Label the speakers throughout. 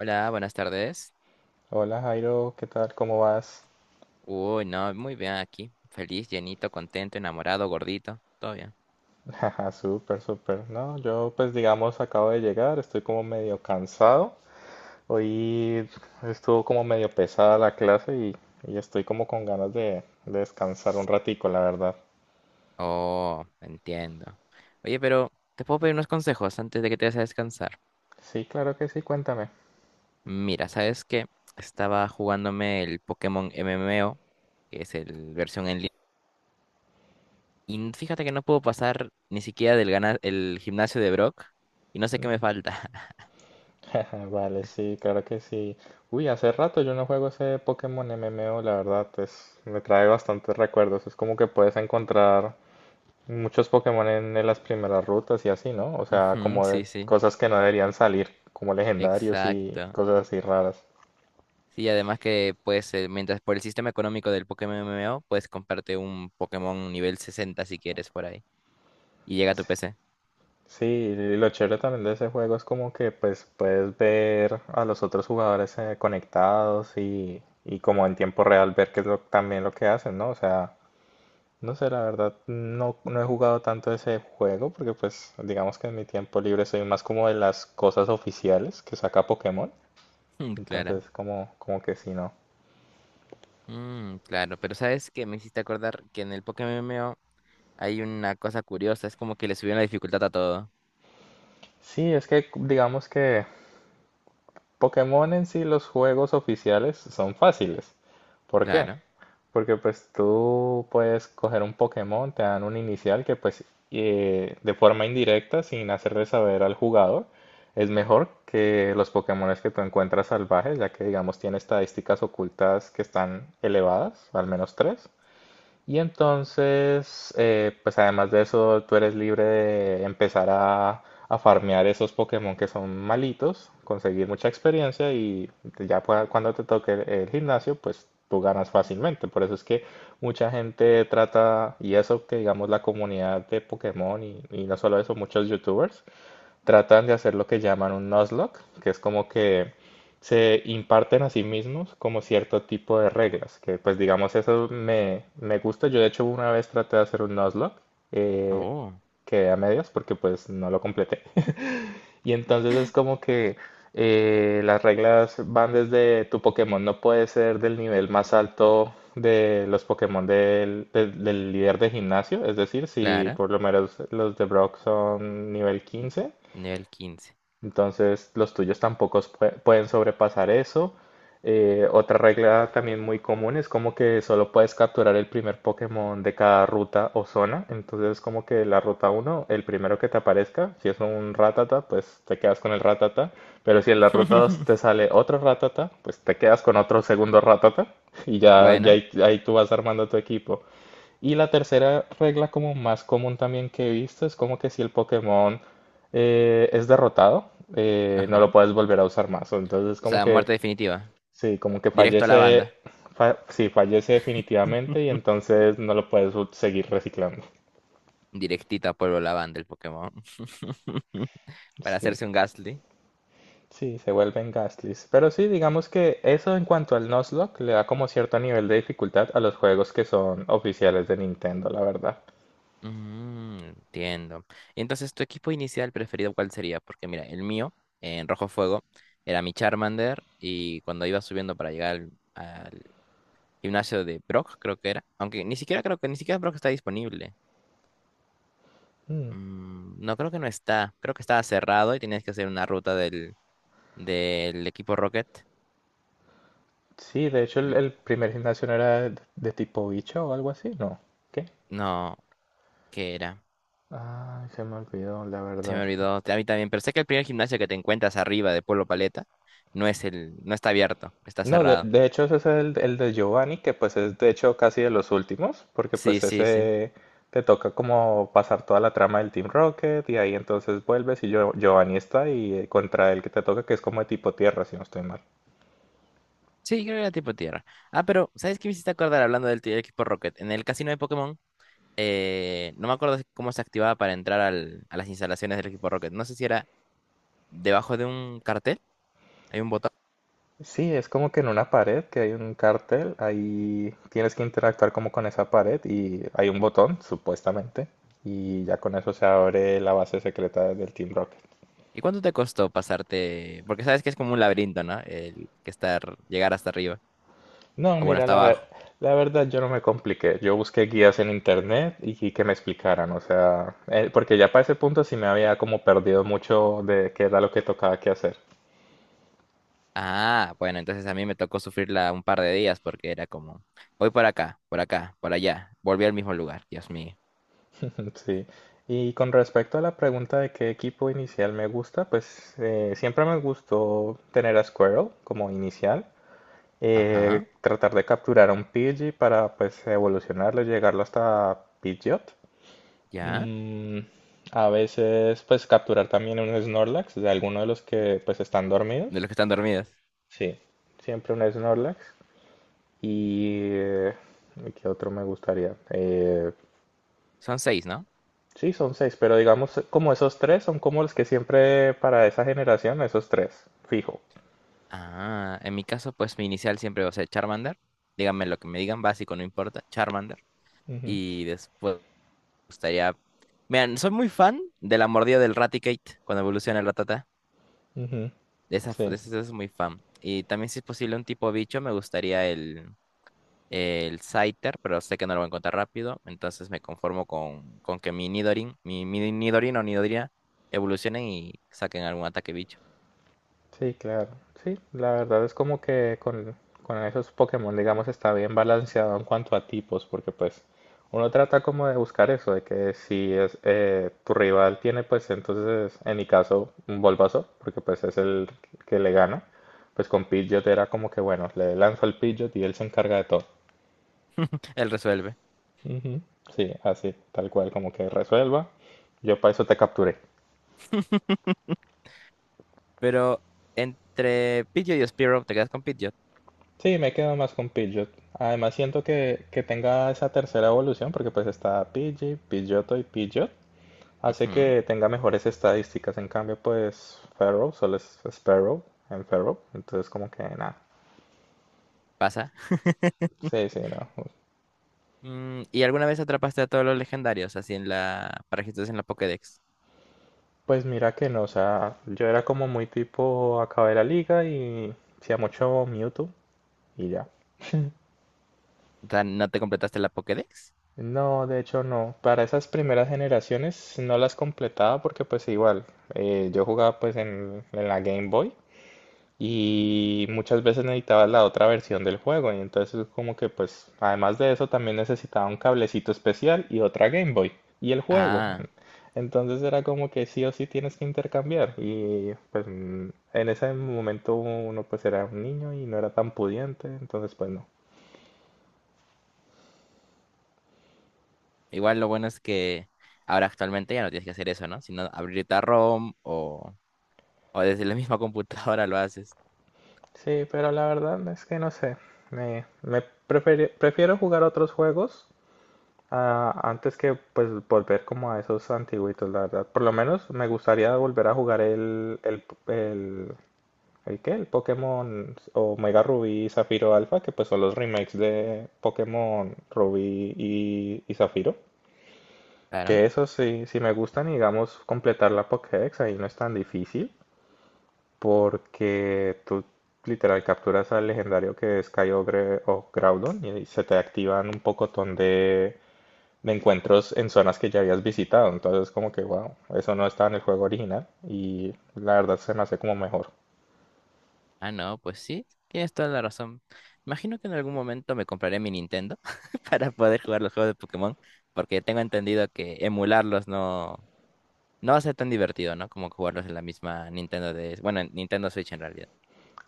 Speaker 1: Hola, buenas tardes.
Speaker 2: Hola Jairo, ¿qué tal? ¿Cómo vas?
Speaker 1: Uy, no, muy bien aquí. Feliz, llenito, contento, enamorado, gordito. Todo bien.
Speaker 2: Jaja, súper, súper. No, yo pues digamos acabo de llegar, estoy como medio cansado. Hoy estuvo como medio pesada la clase y estoy como con ganas de descansar un ratico, la verdad.
Speaker 1: Oh, entiendo. Oye, pero te puedo pedir unos consejos antes de que te vayas a descansar.
Speaker 2: Sí, claro que sí, cuéntame.
Speaker 1: Mira, ¿sabes qué? Estaba jugándome el Pokémon MMO, que es el versión en línea. Y fíjate que no puedo pasar ni siquiera del el gimnasio de Brock. Y no sé qué me falta.
Speaker 2: Vale, sí, claro que sí. Uy, hace rato yo no juego ese Pokémon MMO, la verdad, es, me trae bastantes recuerdos. Es como que puedes encontrar muchos Pokémon en las primeras rutas y así, ¿no? O sea,
Speaker 1: Ujú,
Speaker 2: como de
Speaker 1: sí, sí.
Speaker 2: cosas que no deberían salir, como legendarios y
Speaker 1: Exacto.
Speaker 2: cosas así raras.
Speaker 1: Sí, además que pues mientras por el sistema económico del Pokémon MMO, puedes comprarte un Pokémon nivel 60 si quieres por ahí. Y llega a tu PC.
Speaker 2: Sí, y lo chévere también de ese juego es como que pues puedes ver a los otros jugadores conectados y como en tiempo real ver qué es lo, también lo que hacen, ¿no? O sea, no sé, la verdad no he jugado tanto ese juego porque pues digamos que en mi tiempo libre soy más como de las cosas oficiales que saca Pokémon.
Speaker 1: Mm, claro.
Speaker 2: Entonces como que sí, no.
Speaker 1: Mm, claro, pero ¿sabes qué? Me hiciste acordar que en el Pokémon MMO hay una cosa curiosa, es como que le subieron la dificultad a todo.
Speaker 2: Sí, es que digamos que Pokémon en sí, los juegos oficiales son fáciles. ¿Por qué?
Speaker 1: Claro.
Speaker 2: Porque pues tú puedes coger un Pokémon, te dan un inicial que pues de forma indirecta, sin hacerle saber al jugador, es mejor que los Pokémones que tú encuentras salvajes, ya que digamos tiene estadísticas ocultas que están elevadas, al menos tres. Y entonces, pues además de eso, tú eres libre de empezar a farmear esos Pokémon que son malitos, conseguir mucha experiencia y cuando te toque el gimnasio, pues tú ganas fácilmente. Por eso es que mucha gente trata, y eso que digamos la comunidad de Pokémon y no solo eso, muchos YouTubers tratan de hacer lo que llaman un Nuzlocke, que es como que se imparten a sí mismos como cierto tipo de reglas, que pues digamos eso me gusta. Yo de hecho una vez traté de hacer un Nuzlocke, eh,
Speaker 1: Oh,
Speaker 2: quedé a medias porque pues no lo completé. Y entonces es como que las reglas van desde tu Pokémon no puede ser del nivel más alto de los Pokémon del líder de gimnasio, es decir, si
Speaker 1: claro.
Speaker 2: por lo menos los de Brock son nivel 15,
Speaker 1: Nivel 15.
Speaker 2: entonces, los tuyos tampoco pueden sobrepasar eso. Otra regla también muy común es como que solo puedes capturar el primer Pokémon de cada ruta o zona. Entonces, como que la ruta 1, el primero que te aparezca, si es un Ratata, pues te quedas con el Ratata. Pero si en la ruta 2 te sale otro Ratata, pues te quedas con otro segundo Ratata. Y ya, ya
Speaker 1: Bueno,
Speaker 2: ahí, ahí tú vas armando tu equipo. Y la tercera regla como más común también que he visto es como que si el Pokémon es derrotado, no
Speaker 1: ajá.
Speaker 2: lo
Speaker 1: O
Speaker 2: puedes volver a usar más. Entonces como
Speaker 1: sea,
Speaker 2: que
Speaker 1: muerte definitiva.
Speaker 2: sí, como que
Speaker 1: Directo a la
Speaker 2: fallece,
Speaker 1: banda.
Speaker 2: sí, fallece definitivamente y entonces no lo puedes seguir reciclando.
Speaker 1: Directita a la banda el Pokémon. Para
Speaker 2: Sí,
Speaker 1: hacerse un Gastly.
Speaker 2: sí, se vuelven Gastly's. Pero sí, digamos que eso en cuanto al Nuzlocke le da como cierto nivel de dificultad a los juegos que son oficiales de Nintendo, la verdad.
Speaker 1: Mm, entiendo. Y entonces, ¿tu equipo inicial preferido cuál sería? Porque mira, el mío, en Rojo Fuego, era mi Charmander y cuando iba subiendo para llegar al gimnasio de Brock, creo que era, aunque ni siquiera creo que ni siquiera Brock está disponible.
Speaker 2: Mm.
Speaker 1: Mm, no creo que no está, creo que estaba cerrado y tenías que hacer una ruta del equipo Rocket.
Speaker 2: Sí, de hecho el,
Speaker 1: Y-
Speaker 2: el primer gimnasio no era de tipo bicho o algo así, ¿no? ¿Qué?
Speaker 1: No, ¿qué era?
Speaker 2: Ay, se me olvidó, la
Speaker 1: Se me
Speaker 2: verdad.
Speaker 1: olvidó, a mí también, pero sé que el primer gimnasio que te encuentras arriba de Pueblo Paleta no es el, no está abierto, está
Speaker 2: No, de,
Speaker 1: cerrado.
Speaker 2: de hecho ese es el de Giovanni, que pues es de hecho casi de los últimos, porque
Speaker 1: Sí,
Speaker 2: pues
Speaker 1: sí, sí.
Speaker 2: ese te toca como pasar toda la trama del Team Rocket y ahí entonces vuelves y Giovanni está y contra el que te toca que es como de tipo tierra, si no estoy mal.
Speaker 1: Sí, creo que era tipo tierra. Ah, pero, ¿sabes qué me hiciste acordar hablando del equipo Rocket? En el casino de Pokémon, no me acuerdo cómo se activaba para entrar a las instalaciones del equipo Rocket. No sé si era debajo de un cartel, hay un botón.
Speaker 2: Sí, es como que en una pared que hay un cartel, ahí tienes que interactuar como con esa pared y hay un botón, supuestamente, y ya con eso se abre la base secreta del Team Rocket.
Speaker 1: ¿Y cuánto te costó pasarte? Porque sabes que es como un laberinto, ¿no? El que estar, llegar hasta arriba.
Speaker 2: No,
Speaker 1: Ah, bueno,
Speaker 2: mira,
Speaker 1: hasta abajo.
Speaker 2: la verdad yo no me compliqué, yo busqué guías en internet y que me explicaran, o sea, porque ya para ese punto sí me había como perdido mucho de qué era lo que tocaba que hacer.
Speaker 1: Ah, bueno, entonces a mí me tocó sufrirla un par de días porque era como, voy por acá, por acá, por allá. Volví al mismo lugar, Dios mío.
Speaker 2: Sí, y con respecto a la pregunta de qué equipo inicial me gusta, pues siempre me gustó tener a Squirrel como inicial,
Speaker 1: Ajá,
Speaker 2: tratar de capturar a un Pidgey para pues evolucionarlo, y llegarlo hasta Pidgeot.
Speaker 1: ya.
Speaker 2: Mm, a veces pues capturar también un Snorlax de alguno de los que pues están
Speaker 1: De
Speaker 2: dormidos.
Speaker 1: los que están dormidos.
Speaker 2: Sí, siempre un Snorlax. Y ¿qué otro me gustaría?
Speaker 1: Son seis, ¿no?
Speaker 2: Sí, son seis, pero digamos como esos tres son como los que siempre para esa generación, esos tres, fijo.
Speaker 1: Ah, en mi caso, pues mi inicial siempre va a ser Charmander. Díganme lo que me digan, básico, no importa, Charmander.
Speaker 2: Ujú,
Speaker 1: Y después me gustaría... Miren, soy muy fan de la mordida del Raticate cuando evoluciona el Rattata.
Speaker 2: ujú,
Speaker 1: De esa, f-
Speaker 2: sí,
Speaker 1: de esa es muy fan. Y también si es posible un tipo bicho, me gustaría el, Scyther, pero sé que no lo voy a encontrar rápido. Entonces me conformo con que mi Nidorin o Nidorina evolucionen y saquen algún ataque bicho.
Speaker 2: sí, claro. Sí, la verdad es como que con esos Pokémon, digamos, está bien balanceado en cuanto a tipos, porque pues uno trata como de buscar eso, de que si es tu rival tiene pues entonces, en mi caso, un Bulbasaur, porque pues es el que le gana, pues con Pidgeot era como que bueno, le lanzo al Pidgeot y él se encarga de todo.
Speaker 1: Él resuelve.
Speaker 2: Ujú, sí, así, tal cual, como que resuelva. Yo para eso te capturé.
Speaker 1: Pero entre Pidgeot y Spearow te quedas con Pidgeot.
Speaker 2: Sí, me quedo más con Pidgeot. Además siento que tenga esa tercera evolución, porque pues está Pidgey, Pidgeotto y Pidgeot. Hace
Speaker 1: Ujú,
Speaker 2: que tenga mejores estadísticas. En cambio, pues Ferrow solo es Sparrow en Ferrow. Entonces como que nada.
Speaker 1: pasa.
Speaker 2: Sí, sí, no.
Speaker 1: Mm, ¿y alguna vez atrapaste a todos los legendarios así en la... para registros en la Pokédex?
Speaker 2: Pues mira que no, o sea, yo era como muy tipo acabé la liga y hacía mucho Mewtwo y ya.
Speaker 1: O sea, ¿no te completaste la Pokédex?
Speaker 2: No, de hecho no. Para esas primeras generaciones no las completaba porque pues igual, yo jugaba pues en la Game Boy y muchas veces necesitaba la otra versión del juego y entonces como que pues además de eso también necesitaba un cablecito especial y otra Game Boy y el juego.
Speaker 1: Ah,
Speaker 2: Entonces era como que sí o sí tienes que intercambiar y pues en ese momento uno pues era un niño y no era tan pudiente, entonces pues no.
Speaker 1: igual lo bueno es que ahora actualmente ya no tienes que hacer eso, ¿no? Sino abrirte a ROM o desde la misma computadora lo haces.
Speaker 2: Sí, pero la verdad es que no sé. Me prefiero jugar otros juegos antes que pues volver como a esos antiguitos, la verdad. Por lo menos me gustaría volver a jugar ¿el qué? El Pokémon Omega Rubí y Zafiro Alpha, que pues son los remakes de Pokémon Rubí y Zafiro.
Speaker 1: Claro.
Speaker 2: Que eso sí, sí me gustan y digamos completar la Pokédex ahí no es tan difícil. Porque tú literal capturas al legendario que es Kyogre o Groudon y se te activan un pocotón de encuentros en zonas que ya habías visitado. Entonces, como que, wow, eso no estaba en el juego original y la verdad se me hace como mejor.
Speaker 1: Ah, no, pues sí, tienes toda la razón. Imagino que en algún momento me compraré mi Nintendo para poder jugar los juegos de Pokémon, porque tengo entendido que emularlos no va a ser tan divertido, ¿no? Como jugarlos en la misma Nintendo de, bueno, en Nintendo Switch en realidad,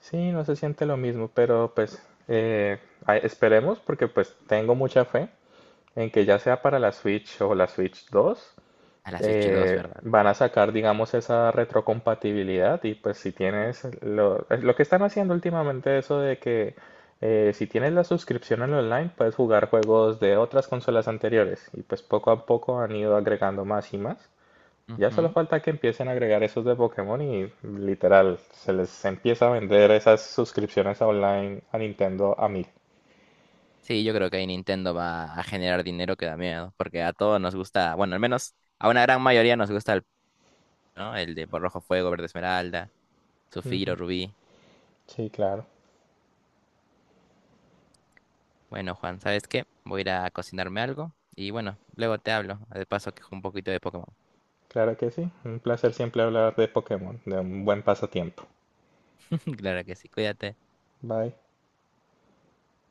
Speaker 2: Sí, no se siente lo mismo, pero pues esperemos porque pues tengo mucha fe en que ya sea para la Switch o la Switch 2
Speaker 1: a la Switch 2, ¿verdad?
Speaker 2: van a sacar, digamos, esa retrocompatibilidad y pues si tienes lo, es lo que están haciendo últimamente, eso de que si tienes la suscripción en online puedes jugar juegos de otras consolas anteriores y pues poco a poco han ido agregando más y más. Ya solo
Speaker 1: Ujú.
Speaker 2: falta que empiecen a agregar esos de Pokémon y literal se les empieza a vender esas suscripciones online a Nintendo a mil.
Speaker 1: Sí, yo creo que ahí Nintendo va a generar dinero que da miedo, porque a todos nos gusta, bueno, al menos a una gran mayoría nos gusta el, ¿no? El de rojo fuego, verde esmeralda, zafiro,
Speaker 2: Ujú.
Speaker 1: rubí.
Speaker 2: Sí, claro,
Speaker 1: Bueno, Juan, ¿sabes qué? Voy a ir a cocinarme algo y bueno, luego te hablo. De paso, que juego un poquito de Pokémon.
Speaker 2: claro que sí. Un placer siempre hablar de Pokémon, de un buen pasatiempo.
Speaker 1: Claro que sí, cuídate.
Speaker 2: Bye.